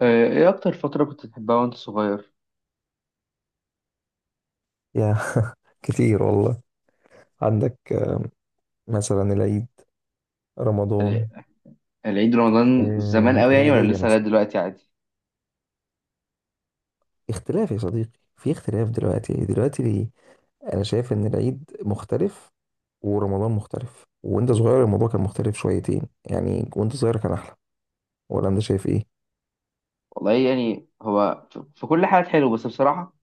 ايه اكتر فترة كنت بتحبها وانت صغير؟ يا كتير والله. عندك مثلا العيد، ال- رمضان. العيد رمضان زمان قوي يعني، ولا العيدية لسه لغاية مثلا دلوقتي عادي؟ اختلاف يا صديقي، في اختلاف. دلوقتي ليه؟ أنا شايف إن العيد مختلف ورمضان مختلف، وأنت صغير الموضوع كان مختلف شويتين يعني، وأنت صغير كان أحلى. ولا أنت شايف إيه؟ والله يعني هو في كل حاجة حلو، بس بصراحة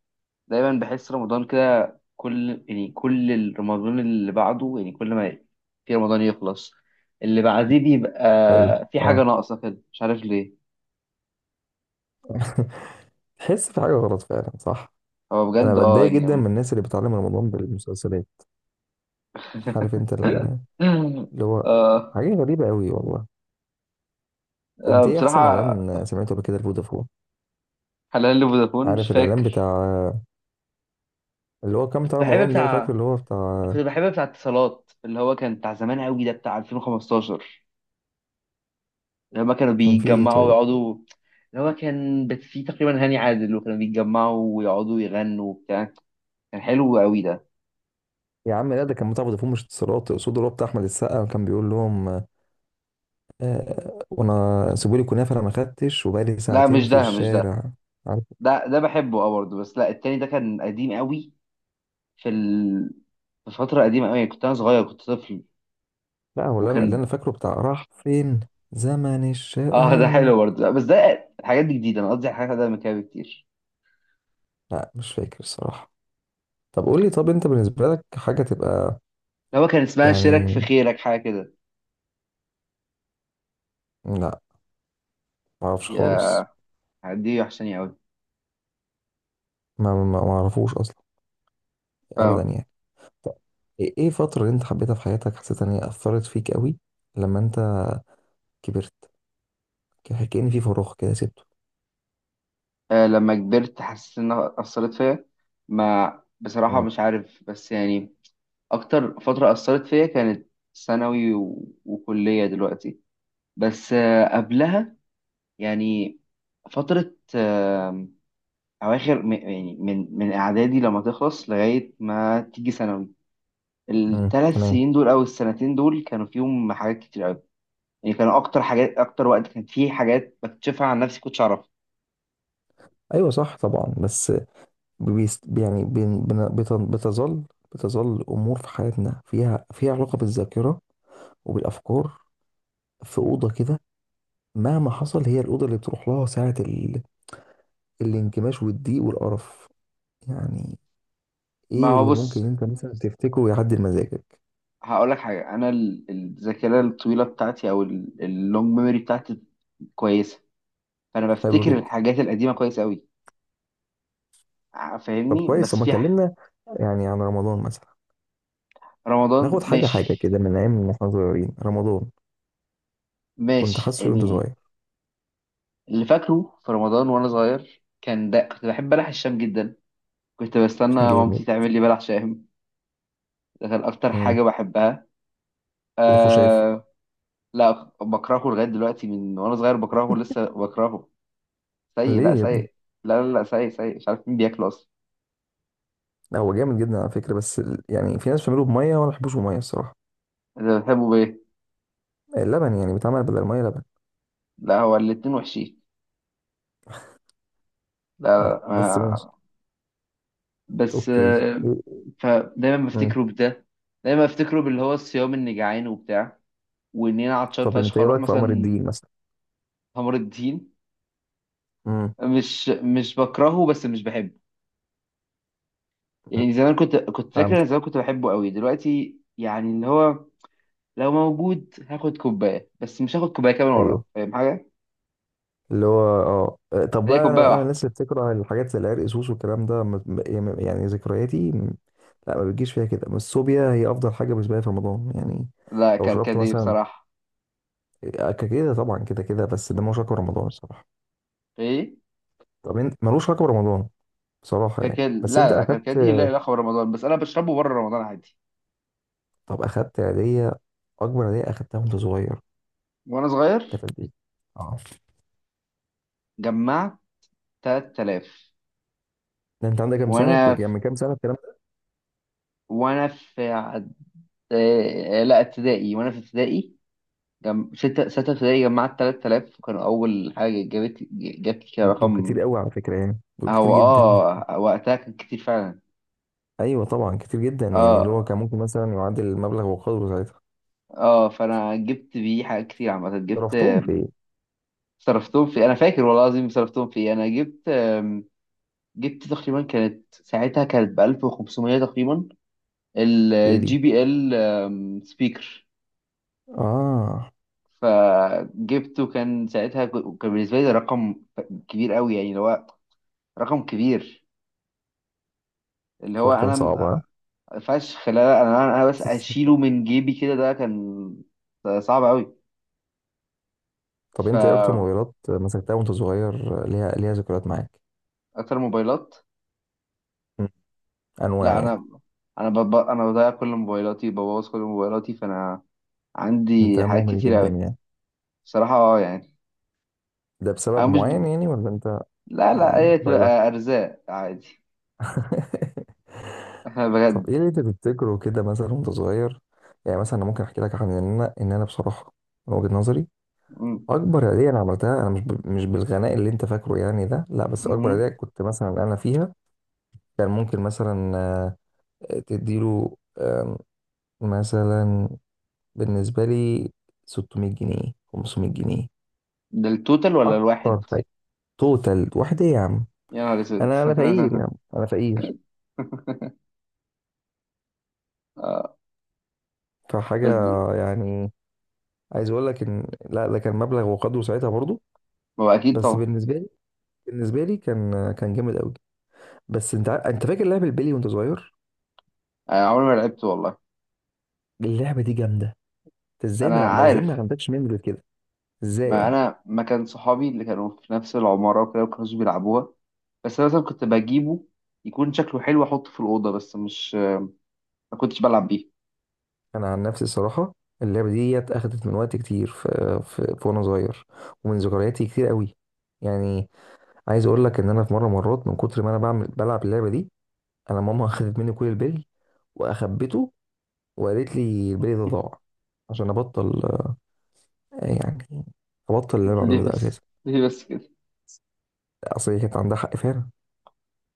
دايما بحس رمضان كده، كل الرمضان اللي بعده، يعني كل ما في رمضان يخلص اللي بعديه حلو بيبقى في حاجة أه. ناقصة كده، مش عارف ليه. تحس في حاجة غلط فعلا، صح. هو أنا بجد اه بتضايق جدا يعني. من الناس اللي بتعلم رمضان بالمسلسلات. عارف أنت اللي هو آه. حاجة غريبة أوي والله. آه، أنت إيه أحسن بصراحة. إعلان سمعته قبل كده لفودافون؟ حلال لي فودافون، مش عارف الاعلان فاكر. بتاع، اللي هو كام كنت بتاع بحب رمضان ده. انا فاكر بتاع اللي هو بتاع. كنت بحب بتاع اتصالات، اللي هو كان بتاع زمان قوي، ده بتاع 2015 لما كانوا كان فيه ايه بيتجمعوا طيب؟ ويقعدوا. اللي هو كان فيه تقريبا هاني عادل، وكانوا بيتجمعوا ويقعدوا يغنوا وبتاع، كان حلو قوي ده. يا عم لا، ده كان بتاع فودافون مش اتصالات، اقصد اللي هو بتاع احمد السقا، كان بيقول لهم وانا سيبوا لي كنافه، انا ما خدتش، وبقالي لا، ساعتين مش في ده، مش ده. الشارع. عارف؟ ده بحبه اه برضه، بس لا، التاني ده كان قديم قوي. في ال... في فترة قديمة قوي، كنت انا صغير، كنت طفل، لا هو اللي انا وكان فاكره بتاع راح فين، زمن اه ده الشقاوه. حلو برضه، لا، بس ده الحاجات دي جديدة، انا قصدي على حاجات قديمة كده بكتير. لا مش فاكر الصراحه. طب قول لي، طب انت بالنسبه لك حاجه تبقى اللي هو كان اسمها شارك يعني. في خيرك، حاجة كده. لا، ما اعرفش يا، خالص. دي وحشاني ما اعرفوش اصلا، قوي. ابدا يعني. طب إيه الفترة اللي انت حبيتها في حياتك، حسيت ان هي اثرت فيك قوي لما انت كبرت؟ كأن في فراغ كده سبته. لما كبرت حسيت انها اثرت فيا. ما بصراحه مم. مش عارف، بس يعني اكتر فتره اثرت فيا كانت ثانوي و- وكليه دلوقتي. بس قبلها، يعني فتره، اواخر يعني من اعدادي لما تخلص لغايه ما تيجي ثانوي. الثلاث تمام. سنين دول او السنتين دول كانوا فيهم حاجات كتير قوي. يعني كانوا اكتر حاجات، اكتر وقت كان فيه حاجات بكتشفها عن نفسي كنتش اعرفها. ايوه صح طبعا. بس بيست يعني بتظل امور في حياتنا، فيها علاقه بالذاكره وبالافكار، في اوضه كده. مهما حصل هي الاوضه اللي بتروح لها ساعه الانكماش والضيق والقرف يعني. ما ايه هو اللي بص، ممكن انت مثلا تفتكره يعدل مزاجك؟ هقول لك حاجه. انا الذاكره الطويله بتاعتي، او اللونج ميموري بتاعتي، كويسه. فانا حلو بفتكر جدا. الحاجات القديمه كويس قوي، طب فاهمني؟ كويس، طب بس ما في كلمنا يعني عن رمضان مثلا. رمضان ناخد حاجة حاجة ماشي. كده من أيام ما احنا صغيرين رمضان، كنت ماشي حاسه وأنت يعني. صغير. اللي فاكره في رمضان وانا صغير كان ده، كنت بحب بلح الشام جدا، كنت بستنى جامد. مامتي تعمل لي بلح شام. ده كان اكتر حاجه امم بحبها، والخشاف. آه. لا، بكرهه لغايه دلوقتي، من وانا صغير بكرهه، لسه بكرهه سيء، لا ليه يا ابني؟ سيء. لا، لا، لا، سيء سيء، مش عارف مين بياكله اصلا. هو جامد جدا على فكرة، بس يعني في ناس بتعمله بمية، وأنا ما بحبوش بمية الصراحة. انت بتحبه بايه؟ اللبن يعني بيتعمل بدل المية لبن. لا، هو الاتنين وحشين، لا. لا بس ماشي. آه، بس أوكي آه. إيه. فدايما امم بفتكره بده، دايما بفتكره باللي هو الصيام، اني جعان وبتاع، وان انا عطشان طب أنت فشخ إيه اروح رأيك في قمر مثلا. الدين مثلا؟ قمر الدين امم مش بكرهه، بس مش بحبه. امم يعني زمان كنت فاكر، فهمت. انا زمان كنت بحبه قوي، دلوقتي يعني اللي هو لو موجود هاخد كوبايه، بس مش هاخد كوبايه كمان أيوه وراه، فاهم حاجه. اللي هو طب هي بقى انا كوبايه من واحده. الناس اللي بتكره الحاجات زي العرق سوس والكلام ده، يعني ذكرياتي لا ما بتجيش فيها كده. بس الصوبيا هي افضل حاجه بالنسبه لي في رمضان يعني. لا، لو شربت كركدي مثلا بصراحه. كده طبعا كده كده. بس ده ملوش علاقه برمضان الصراحه. ايه. طب انت ملوش علاقه برمضان بصراحه يعني، كركدي، لا بس انت لا لا، اخدت. كركدي لا، لا خبر رمضان، بس انا بشربه بره رمضان عادي. طب اخدت هديه، اكبر هديه اخدتها وانت صغير وانا كانت صغير قد ايه؟ اه، جمعت 3000. ده انت عندك كام سنه؟ وانا يعني في من كام سنه الكلام ده؟ وانا في لا، ابتدائي، وانا في ابتدائي. ستة ابتدائي جمعت 3000، وكان اول حاجة جابت لي كده دول كتير رقم. قوي على فكره يعني، دول كتير هو جدا. اه، وقتها كان كتير فعلا. ايوه طبعا كتير جدا، يعني اللي هو اه، كان ممكن مثلا يعادل المبلغ وقدره ساعتها. اه، فانا جبت بيه حاجات كتير، عامة جبت. صرفتهم في ايه؟ صرفتهم في، انا فاكر والله العظيم، صرفتهم في إيه. انا جبت، جبت تقريبا، كانت ساعتها كانت ب 1500 تقريبا، في ايه الجي دي؟ بي ال سبيكر. اه، فجبته. كان ساعتها كان بالنسبة لي ده رقم كبير قوي، يعني اللي هو رقم كبير، اللي هو الحوار كان صعب ها. فشخ، لا لا، انا بس اشيله من جيبي كده، ده كان صعب قوي. طب انت ايه اكتر فاكتر موبايلات مسكتها وانت صغير، ليها ذكريات معاك؟ موبايلات، مم. انواع لا، يعني. انا انا بضيع كل موبايلاتي، ببوظ كل موبايلاتي، فانا انت عندي حاجات مهمل كتير جدا قوي. يعني؟ بصراحة اه يعني. ده انا بسبب مش معين ب... يعني ولا انت؟ لا لا، آه، هي بايلك. تبقى ارزاق عادي. احنا طب بجد. ايه اللي انت تفتكره كده مثلا وانت صغير؟ يعني مثلا انا ممكن احكي لك عن ان انا بصراحه من وجهه نظري، م- اكبر هديه انا عملتها انا مش بالغناء اللي انت فاكره يعني ده، لا. بس اكبر هديه مهم. كنت مثلا انا فيها كان ممكن مثلا تديله مثلا بالنسبه لي 600 جنيه، 500 جنيه ده التوتال ولا اكتر الواحد؟ فايده. توتال واحده يا عم. يا نهار اسود. انا فقير يا عم، انا فقير. آه، فحاجه بس يعني، عايز اقول لك ان لا ده كان مبلغ وقدره ساعتها برضو. ما هو اكيد بس طبعا. بالنسبه لي كان جامد قوي. بس انت انت فاكر لعب البلي وانت صغير؟ انا عمري ما لعبت والله. اللعبه دي جامده. انت انا ازاي ما عارف. عندكش ميموري كده؟ ازاي ما يعني؟ انا ما كان صحابي اللي كانوا في نفس العماره وكده ما كانوش بيلعبوها، بس انا مثلا كنت بجيبه، يكون شكله حلو احطه في الاوضه، بس مش، ما كنتش بلعب بيه. انا عن نفسي صراحه، اللعبه دي اخدت من وقت كتير، في وانا صغير، ومن ذكرياتي كتير قوي يعني. عايز اقول لك ان انا في مره مرات من كتر ما انا بعمل بلعب اللعبه دي، انا ماما اخدت مني كل البلي، واخبته وقالت لي البلي ده ضاع، عشان ابطل يعني ابطل اللي انا قلت ليه بعمله ده بس، اساسا. ليه بس كده. اصل هي كانت عندها حق فعلا.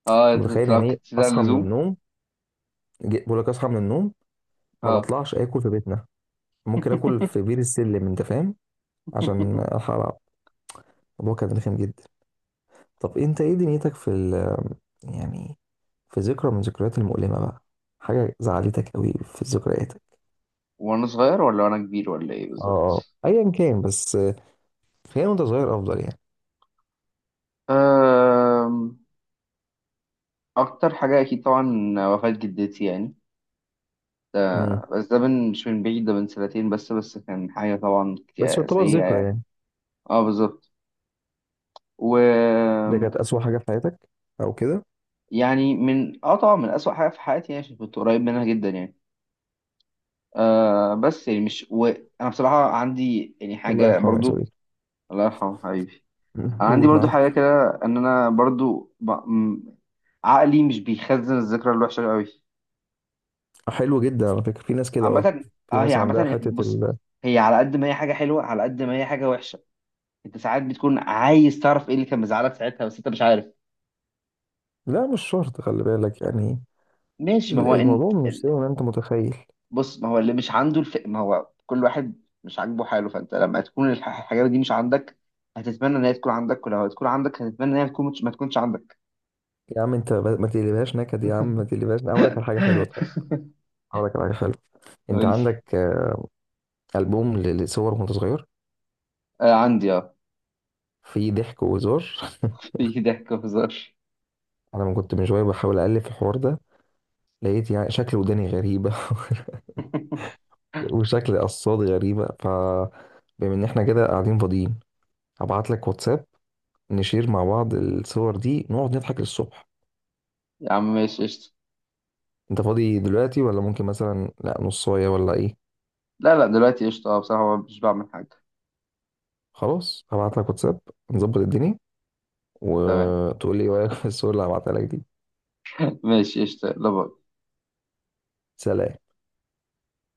اه، انت انت كنت متخيل يعني بتلعب ايه كتير زيادة عن اصحى من اللزوم. النوم، بقول لك اصحى من النوم، ما اه. بطلعش اكل في بيتنا. ممكن اكل في بير السلم انت فاهم، عشان ألحق ألعب. الموضوع كان رخم جدا. طب أنت إيه دنيتك في يعني في ذكرى من ذكريات المؤلمة بقى، حاجة زعلتك قوي في ذكرياتك؟ وانا صغير ولا وانا كبير ولا ايه اه آه. بالظبط؟ أيا كان، بس خلينا وأنت صغير أفضل يعني. أم، اكتر حاجه اكيد طبعا وفاه جدتي يعني. امم بس ده من، مش من بعيد، ده من سنتين بس كان حاجة طبعا بس يعتبر سيئة ذكرى يعني. يعني. اه، بالظبط. و اللي كانت أسوأ حاجة في حياتك أو كده. يعني من اه طبعا من أسوأ حاجة في حياتي، يعني عشان كنت قريب منها جدا يعني. آه، بس يعني مش، وأنا بصراحة عندي يعني الله حاجة يرحمه يا برضو. صديقي. الله يرحمه حبيبي. مم. أنا عندي قول برضو حاجة معاك. كده، إن أنا برضو عقلي مش بيخزن الذكرى الوحشة قوي. حلو جدا على فكرة، في ناس كده اه. عامة، في اه، هي ناس عامة، عندها حتة بص، هي على قد ما هي حاجة حلوة على قد ما هي حاجة وحشة. انت ساعات بتكون عايز تعرف ايه اللي كان مزعلك ساعتها، بس انت مش عارف. لا مش شرط، خلي بالك يعني. ماشي، ما هو ان الموضوع مش ال- زي ما انت متخيل. بص، ما هو اللي مش عنده ما هو كل واحد مش عاجبه حاله، فانت لما تكون الحاجات دي مش عندك، هتتمنى ان هي تكون عندك، ولو هتكون عندك هتتمنى ان هي تكون مش... ما تكونش عندك. يا عم انت ما تقلبهاش نكد، يا عم ما تقلبهاش. أنا هقول لك على حاجه حلوه، طيب هقول لك على حاجه حلوه. انت قول لي. عندك البوم لصور وانت صغير، آه، عندي اه، في ضحك وهزار. في ضحك وهزار. انا من كنت من شويه بحاول اقلب في الحوار ده، لقيت يعني شكل وداني غريبه، وشكل قصاد غريبه. ف بما ان احنا كده قاعدين فاضيين، هبعت لك واتساب، نشير مع بعض الصور دي، نقعد نضحك للصبح. يا عم ماشي قشطة. انت فاضي دلوقتي ولا ممكن مثلا لا نصايه ولا ايه؟ لا لا، دلوقتي قشطة اه، بصراحة مش بعمل حاجة. خلاص هبعت لك واتساب، نظبط الدنيا، تمام، وتقول لي ايه رايك في الصور اللي هبعتها لك دي. ماشي قشطة، لا، باي. سلام.